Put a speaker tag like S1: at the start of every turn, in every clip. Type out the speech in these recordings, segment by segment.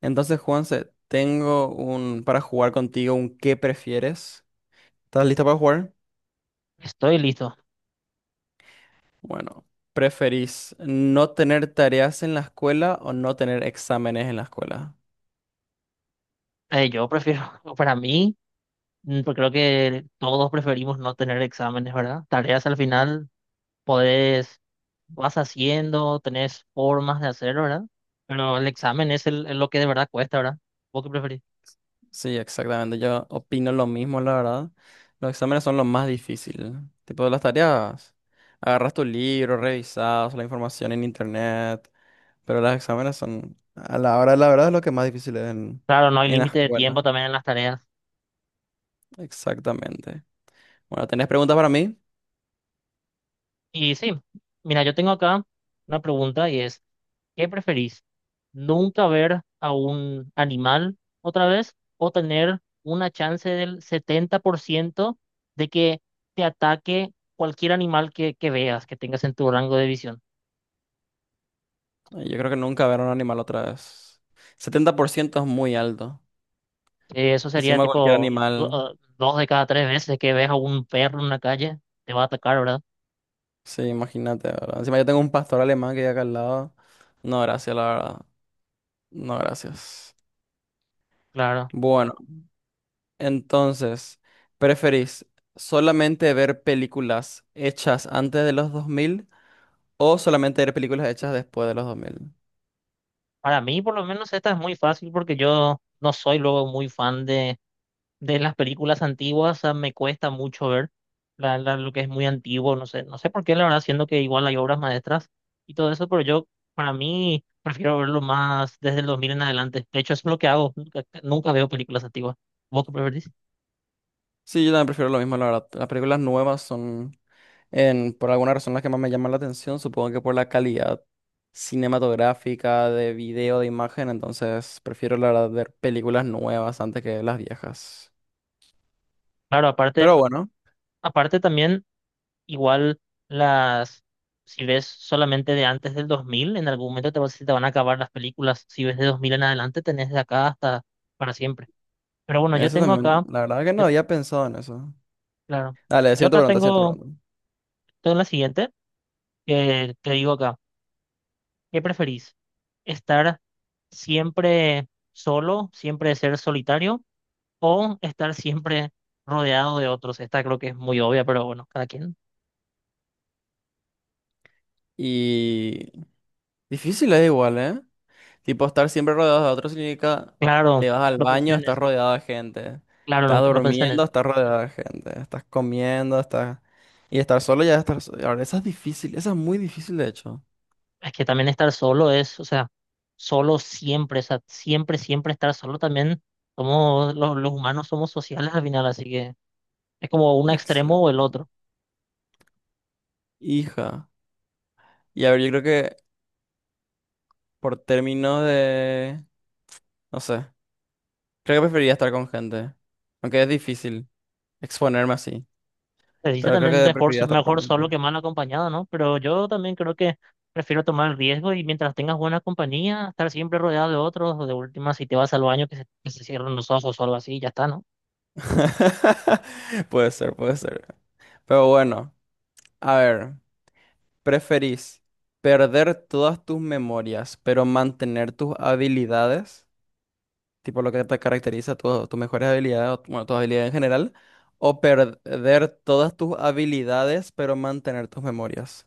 S1: Entonces, Juanse, tengo un para jugar contigo un ¿qué prefieres? ¿Estás lista para jugar?
S2: Estoy listo.
S1: Bueno, ¿preferís no tener tareas en la escuela o no tener exámenes en la escuela?
S2: Yo prefiero, para mí, pues creo que todos preferimos no tener exámenes, ¿verdad? Tareas al final podés, vas haciendo, tenés formas de hacerlo, ¿verdad? Pero el examen es, es lo que de verdad cuesta, ¿verdad? ¿Vos qué preferís?
S1: Sí, exactamente. Yo opino lo mismo, la verdad. Los exámenes son lo más difícil. Tipo de las tareas. Agarras tu libro, revisas la información en internet, pero los exámenes son a la hora de la verdad es lo que más difícil es
S2: Claro, no hay
S1: en la
S2: límite de tiempo
S1: escuela.
S2: también en las tareas.
S1: Exactamente. Bueno, ¿tenés preguntas para mí?
S2: Y sí, mira, yo tengo acá una pregunta y es, ¿qué preferís? ¿Nunca ver a un animal otra vez o tener una chance del 70% de que te ataque cualquier animal que veas, que tengas en tu rango de visión?
S1: Ay, yo creo que nunca ver a un animal otra vez. 70% es muy alto.
S2: Eso sería
S1: Encima cualquier
S2: tipo
S1: animal,
S2: dos de cada tres veces que ves a un perro en la calle, te va a atacar, ¿verdad?
S1: sí, imagínate, ¿verdad? Encima yo tengo un pastor alemán que hay acá al lado. No, gracias, la verdad. No, gracias.
S2: Claro.
S1: Bueno, entonces, ¿preferís solamente ver películas hechas antes de los 2000 o solamente ver películas hechas después de los 2000?
S2: Para mí, por lo menos, esta es muy fácil porque yo no soy luego muy fan de las películas antiguas, o me cuesta mucho ver lo que es muy antiguo, no sé, no sé por qué, la verdad, siendo que igual hay obras maestras y todo eso, pero yo, para mí, prefiero verlo más desde el 2000 en adelante. De hecho, eso es lo que hago, nunca, nunca veo películas antiguas. ¿Vos qué preferís?
S1: Sí, yo también prefiero lo mismo, la verdad. Las películas nuevas son en, por alguna razón, las que más me llaman la atención, supongo que por la calidad cinematográfica de video, de imagen, entonces prefiero la verdad ver películas nuevas antes que las viejas.
S2: Claro, aparte,
S1: Pero bueno,
S2: aparte también, igual las, si ves solamente de antes del 2000, en algún momento se te van a acabar las películas. Si ves de 2000 en adelante, tenés de acá hasta para siempre. Pero bueno, yo
S1: eso
S2: tengo
S1: también,
S2: acá,
S1: la verdad que
S2: yo-
S1: no había pensado en eso.
S2: claro.
S1: Dale,
S2: Yo
S1: siguiente
S2: acá
S1: pregunta, siguiente
S2: tengo
S1: pregunta.
S2: entonces la siguiente, que te digo acá. ¿Qué preferís? ¿Estar siempre solo, siempre ser solitario o estar siempre rodeado de otros? Esta creo que es muy obvia, pero bueno, cada quien.
S1: Y difícil es igual, ¿eh? Tipo, estar siempre rodeado de otros significa
S2: Claro,
S1: te vas al
S2: no pensé
S1: baño,
S2: en
S1: estás
S2: eso.
S1: rodeado de gente.
S2: Claro,
S1: Estás
S2: no pensé en
S1: durmiendo,
S2: eso.
S1: estás rodeado de gente. Estás comiendo, estás... Y estar solo ya es estar solo. Ahora, esa es difícil, esa es muy difícil de hecho.
S2: Es que también estar solo es, o sea, solo siempre, o sea, siempre, siempre estar solo también. Somos, los humanos somos sociales al final, así que es como un extremo o el
S1: Exacto.
S2: otro.
S1: Hija. Y a ver, yo creo que por términos de... No sé. Creo que preferiría estar con gente. Aunque es difícil exponerme así.
S2: Se dice
S1: Pero creo
S2: también
S1: que
S2: mejor,
S1: preferiría estar con
S2: mejor solo
S1: gente.
S2: que mal acompañado, ¿no? Pero yo también creo que prefiero tomar el riesgo y mientras tengas buena compañía, estar siempre rodeado de otros, o de última, si te vas al baño, que se cierren los ojos o algo así, y ya está, ¿no?
S1: Puede ser, puede ser. Pero bueno, a ver. ¿Preferís perder todas tus memorias, pero mantener tus habilidades, tipo lo que te caracteriza, tus mejores habilidades, o, bueno, tus habilidades en general, o perder todas tus habilidades, pero mantener tus memorias?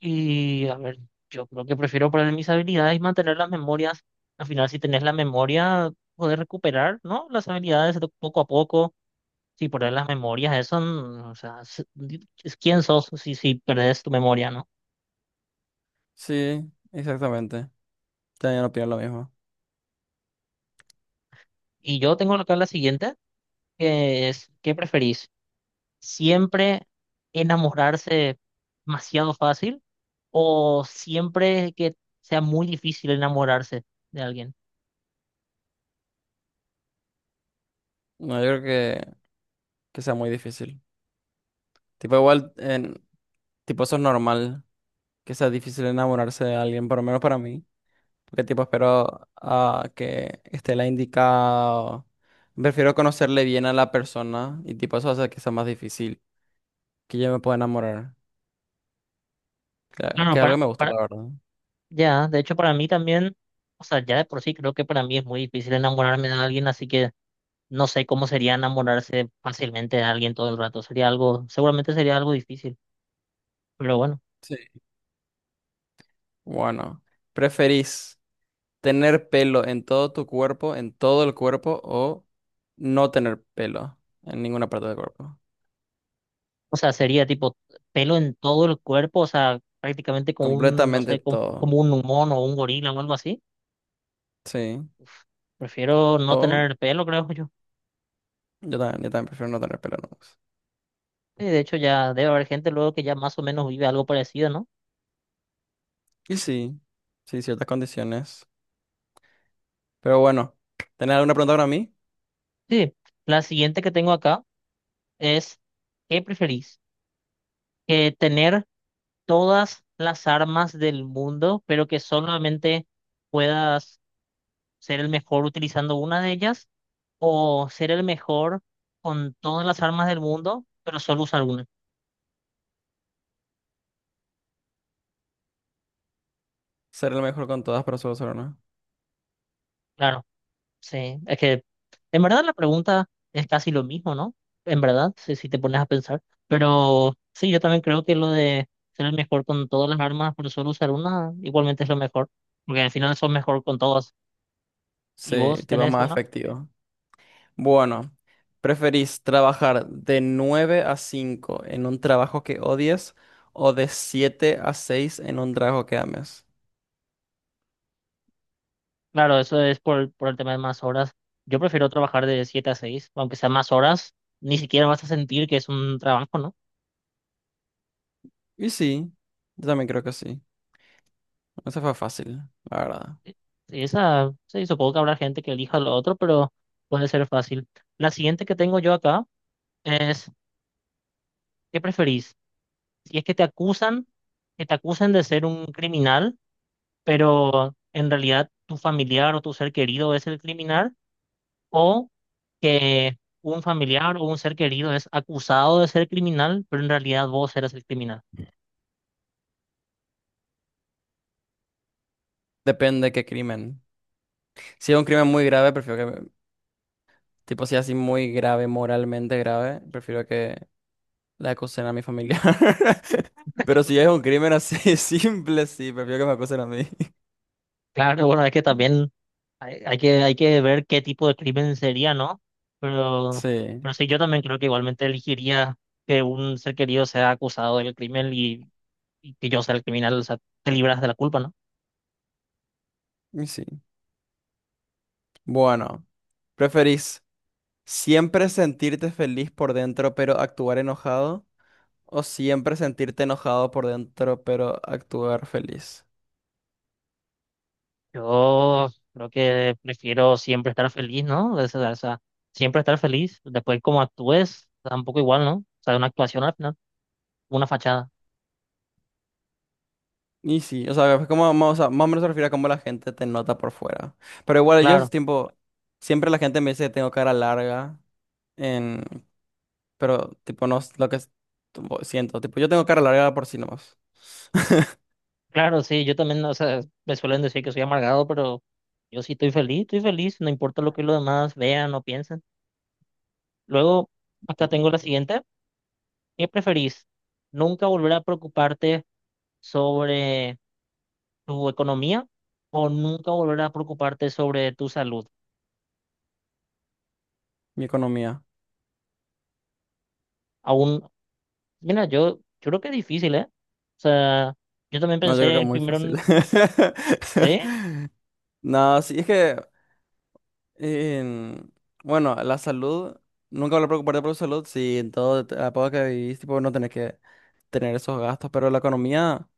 S2: Y a ver, yo creo que prefiero poner mis habilidades y mantener las memorias. Al final, si tenés la memoria, poder recuperar, ¿no? Las habilidades de poco a poco, si poner las memorias, eso, o sea, es quién sos si perdés tu memoria, ¿no?
S1: Sí, exactamente. También opino lo mismo.
S2: Y yo tengo acá la siguiente, que es, ¿qué preferís? Siempre enamorarse demasiado fácil o siempre que sea muy difícil enamorarse de alguien.
S1: No, yo creo que sea muy difícil. Tipo, igual, en, tipo, eso es normal, que sea difícil enamorarse de alguien, por lo menos para mí. Porque tipo espero que esté la indicado. Prefiero conocerle bien a la persona y tipo eso hace que sea más difícil. Que yo me pueda enamorar. Que,
S2: No, no,
S1: que es algo que me gusta,
S2: para,
S1: la verdad.
S2: ya, de hecho para mí también, o sea, ya de por sí creo que para mí es muy difícil enamorarme de alguien, así que no sé cómo sería enamorarse fácilmente de alguien todo el rato. Sería algo, seguramente sería algo difícil, pero bueno,
S1: Sí. Bueno, ¿preferís tener pelo en todo tu cuerpo, en todo el cuerpo, o no tener pelo en ninguna parte del cuerpo?
S2: o sea, sería tipo pelo en todo el cuerpo, o sea, prácticamente como un, no
S1: Completamente
S2: sé, como, como
S1: todo.
S2: un mono o un gorila o algo así.
S1: Sí.
S2: Uf, prefiero no
S1: O
S2: tener pelo, creo yo.
S1: yo también prefiero no tener pelo. No.
S2: Y de hecho, ya debe haber gente luego que ya más o menos vive algo parecido, ¿no?
S1: Y sí, sí, ciertas condiciones. Pero bueno, ¿tenés alguna pregunta para mí?
S2: Sí. La siguiente que tengo acá es, ¿qué preferís? ¿Tener todas las armas del mundo, pero que solamente puedas ser el mejor utilizando una de ellas? ¿O ser el mejor con todas las armas del mundo, pero solo usar una?
S1: Ser el mejor con todas, pero solo ser una.
S2: Claro. Sí, es que en verdad la pregunta es casi lo mismo, ¿no? En verdad, si te pones a pensar. Pero sí, yo también creo que lo de ser el mejor con todas las armas por solo usar una, igualmente es lo mejor. Porque al final sos mejor con todas y
S1: Sí, te
S2: vos
S1: tipo
S2: tenés
S1: más
S2: una.
S1: efectivo. Bueno, ¿preferís trabajar de 9 a 5 en un trabajo que odies o de 7 a 6 en un trabajo que ames?
S2: Claro, eso es por el tema de más horas. Yo prefiero trabajar de 7 a 6 aunque sea más horas, ni siquiera vas a sentir que es un trabajo, ¿no?
S1: Y sí, yo también creo que sí. Eso fue fácil, la verdad.
S2: Y esa, sí, supongo que habrá gente que elija lo otro, pero puede ser fácil. La siguiente que tengo yo acá es, ¿qué preferís? Y es que te acusan de ser un criminal, pero en realidad tu familiar o tu ser querido es el criminal, o que un familiar o un ser querido es acusado de ser criminal, pero en realidad vos eres el criminal.
S1: Depende qué crimen. Si es un crimen muy grave, prefiero que, tipo, si es así muy grave, moralmente grave, prefiero que la acusen a mi familia. Pero si es un crimen así simple, sí, prefiero que me acusen a mí.
S2: Claro, bueno, es que también hay que ver qué tipo de crimen sería, ¿no? Pero,
S1: Sí.
S2: pero sí, yo también creo que igualmente elegiría que un ser querido sea acusado del crimen y que yo sea el criminal, o sea, te libras de la culpa, ¿no?
S1: Y sí. Bueno, ¿preferís siempre sentirte feliz por dentro pero actuar enojado? ¿O siempre sentirte enojado por dentro pero actuar feliz?
S2: Yo creo que prefiero siempre estar feliz, ¿no? O sea, siempre estar feliz. Después, como actúes, tampoco igual, ¿no? O sea, una actuación al final, una fachada.
S1: Y sí, o sea, es como, o sea, más o menos se refiere a cómo la gente te nota por fuera. Pero igual yo,
S2: Claro,
S1: tipo, siempre la gente me dice que tengo cara larga, en... pero tipo, no es lo que tipo, siento. Tipo, yo tengo cara larga por sí nomás,
S2: claro, sí, yo también, o sea, me suelen decir que soy amargado, pero yo sí estoy feliz, no importa lo que los demás vean o piensen. Luego, acá tengo la siguiente. ¿Qué preferís? ¿Nunca volver a preocuparte sobre tu economía o nunca volver a preocuparte sobre tu salud?
S1: mi economía.
S2: Aún mira, yo creo que es difícil, ¿eh? O sea, yo también
S1: No, yo creo
S2: pensé
S1: que es
S2: en
S1: muy
S2: primero
S1: fácil.
S2: en... Sí,
S1: No, sí, es que En- bueno, la salud, nunca voy a preocuparte por tu salud si en todo la época que vivís, tipo, no tenés que tener esos gastos, pero la economía,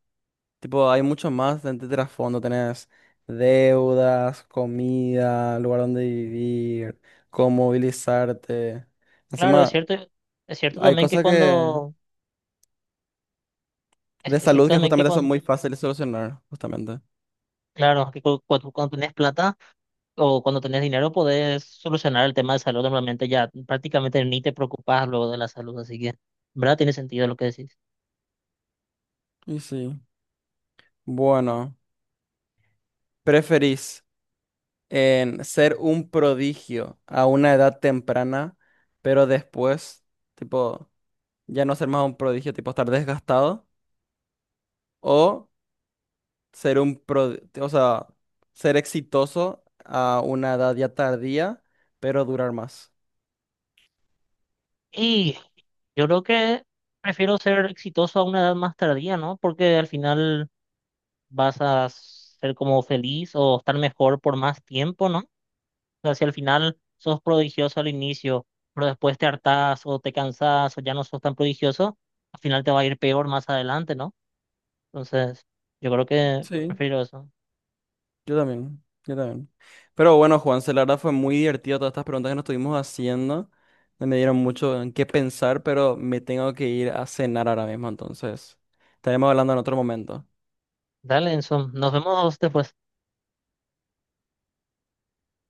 S1: tipo, hay mucho más de trasfondo, tenés deudas, comida, lugar donde vivir, cómo movilizarte.
S2: claro,
S1: Encima,
S2: es cierto
S1: hay
S2: también que
S1: cosas que
S2: cuando...
S1: de
S2: es
S1: salud
S2: cierto
S1: que
S2: también que
S1: justamente son
S2: cuando...
S1: muy fáciles de solucionar, justamente.
S2: Claro, que cuando tenés plata o cuando tenés dinero podés solucionar el tema de salud normalmente ya prácticamente ni te preocupás luego de la salud, así que, ¿verdad? Tiene sentido lo que decís.
S1: Y sí, bueno, ¿preferís? En ser un prodigio a una edad temprana, pero después, tipo, ya no ser más un prodigio, tipo estar desgastado, o ser un pro, o sea, ser exitoso a una edad ya tardía, pero durar más.
S2: Y yo creo que prefiero ser exitoso a una edad más tardía, ¿no? Porque al final vas a ser como feliz o estar mejor por más tiempo, ¿no? O sea, si al final sos prodigioso al inicio, pero después te hartás o te cansás o ya no sos tan prodigioso, al final te va a ir peor más adelante, ¿no? Entonces, yo creo que
S1: Sí,
S2: prefiero eso.
S1: yo también, yo también. Pero bueno, Juanse, la verdad fue muy divertido todas estas preguntas que nos estuvimos haciendo. No me dieron mucho en qué pensar, pero me tengo que ir a cenar ahora mismo, entonces estaremos hablando en otro momento.
S2: Dale, Enzo, nos vemos después.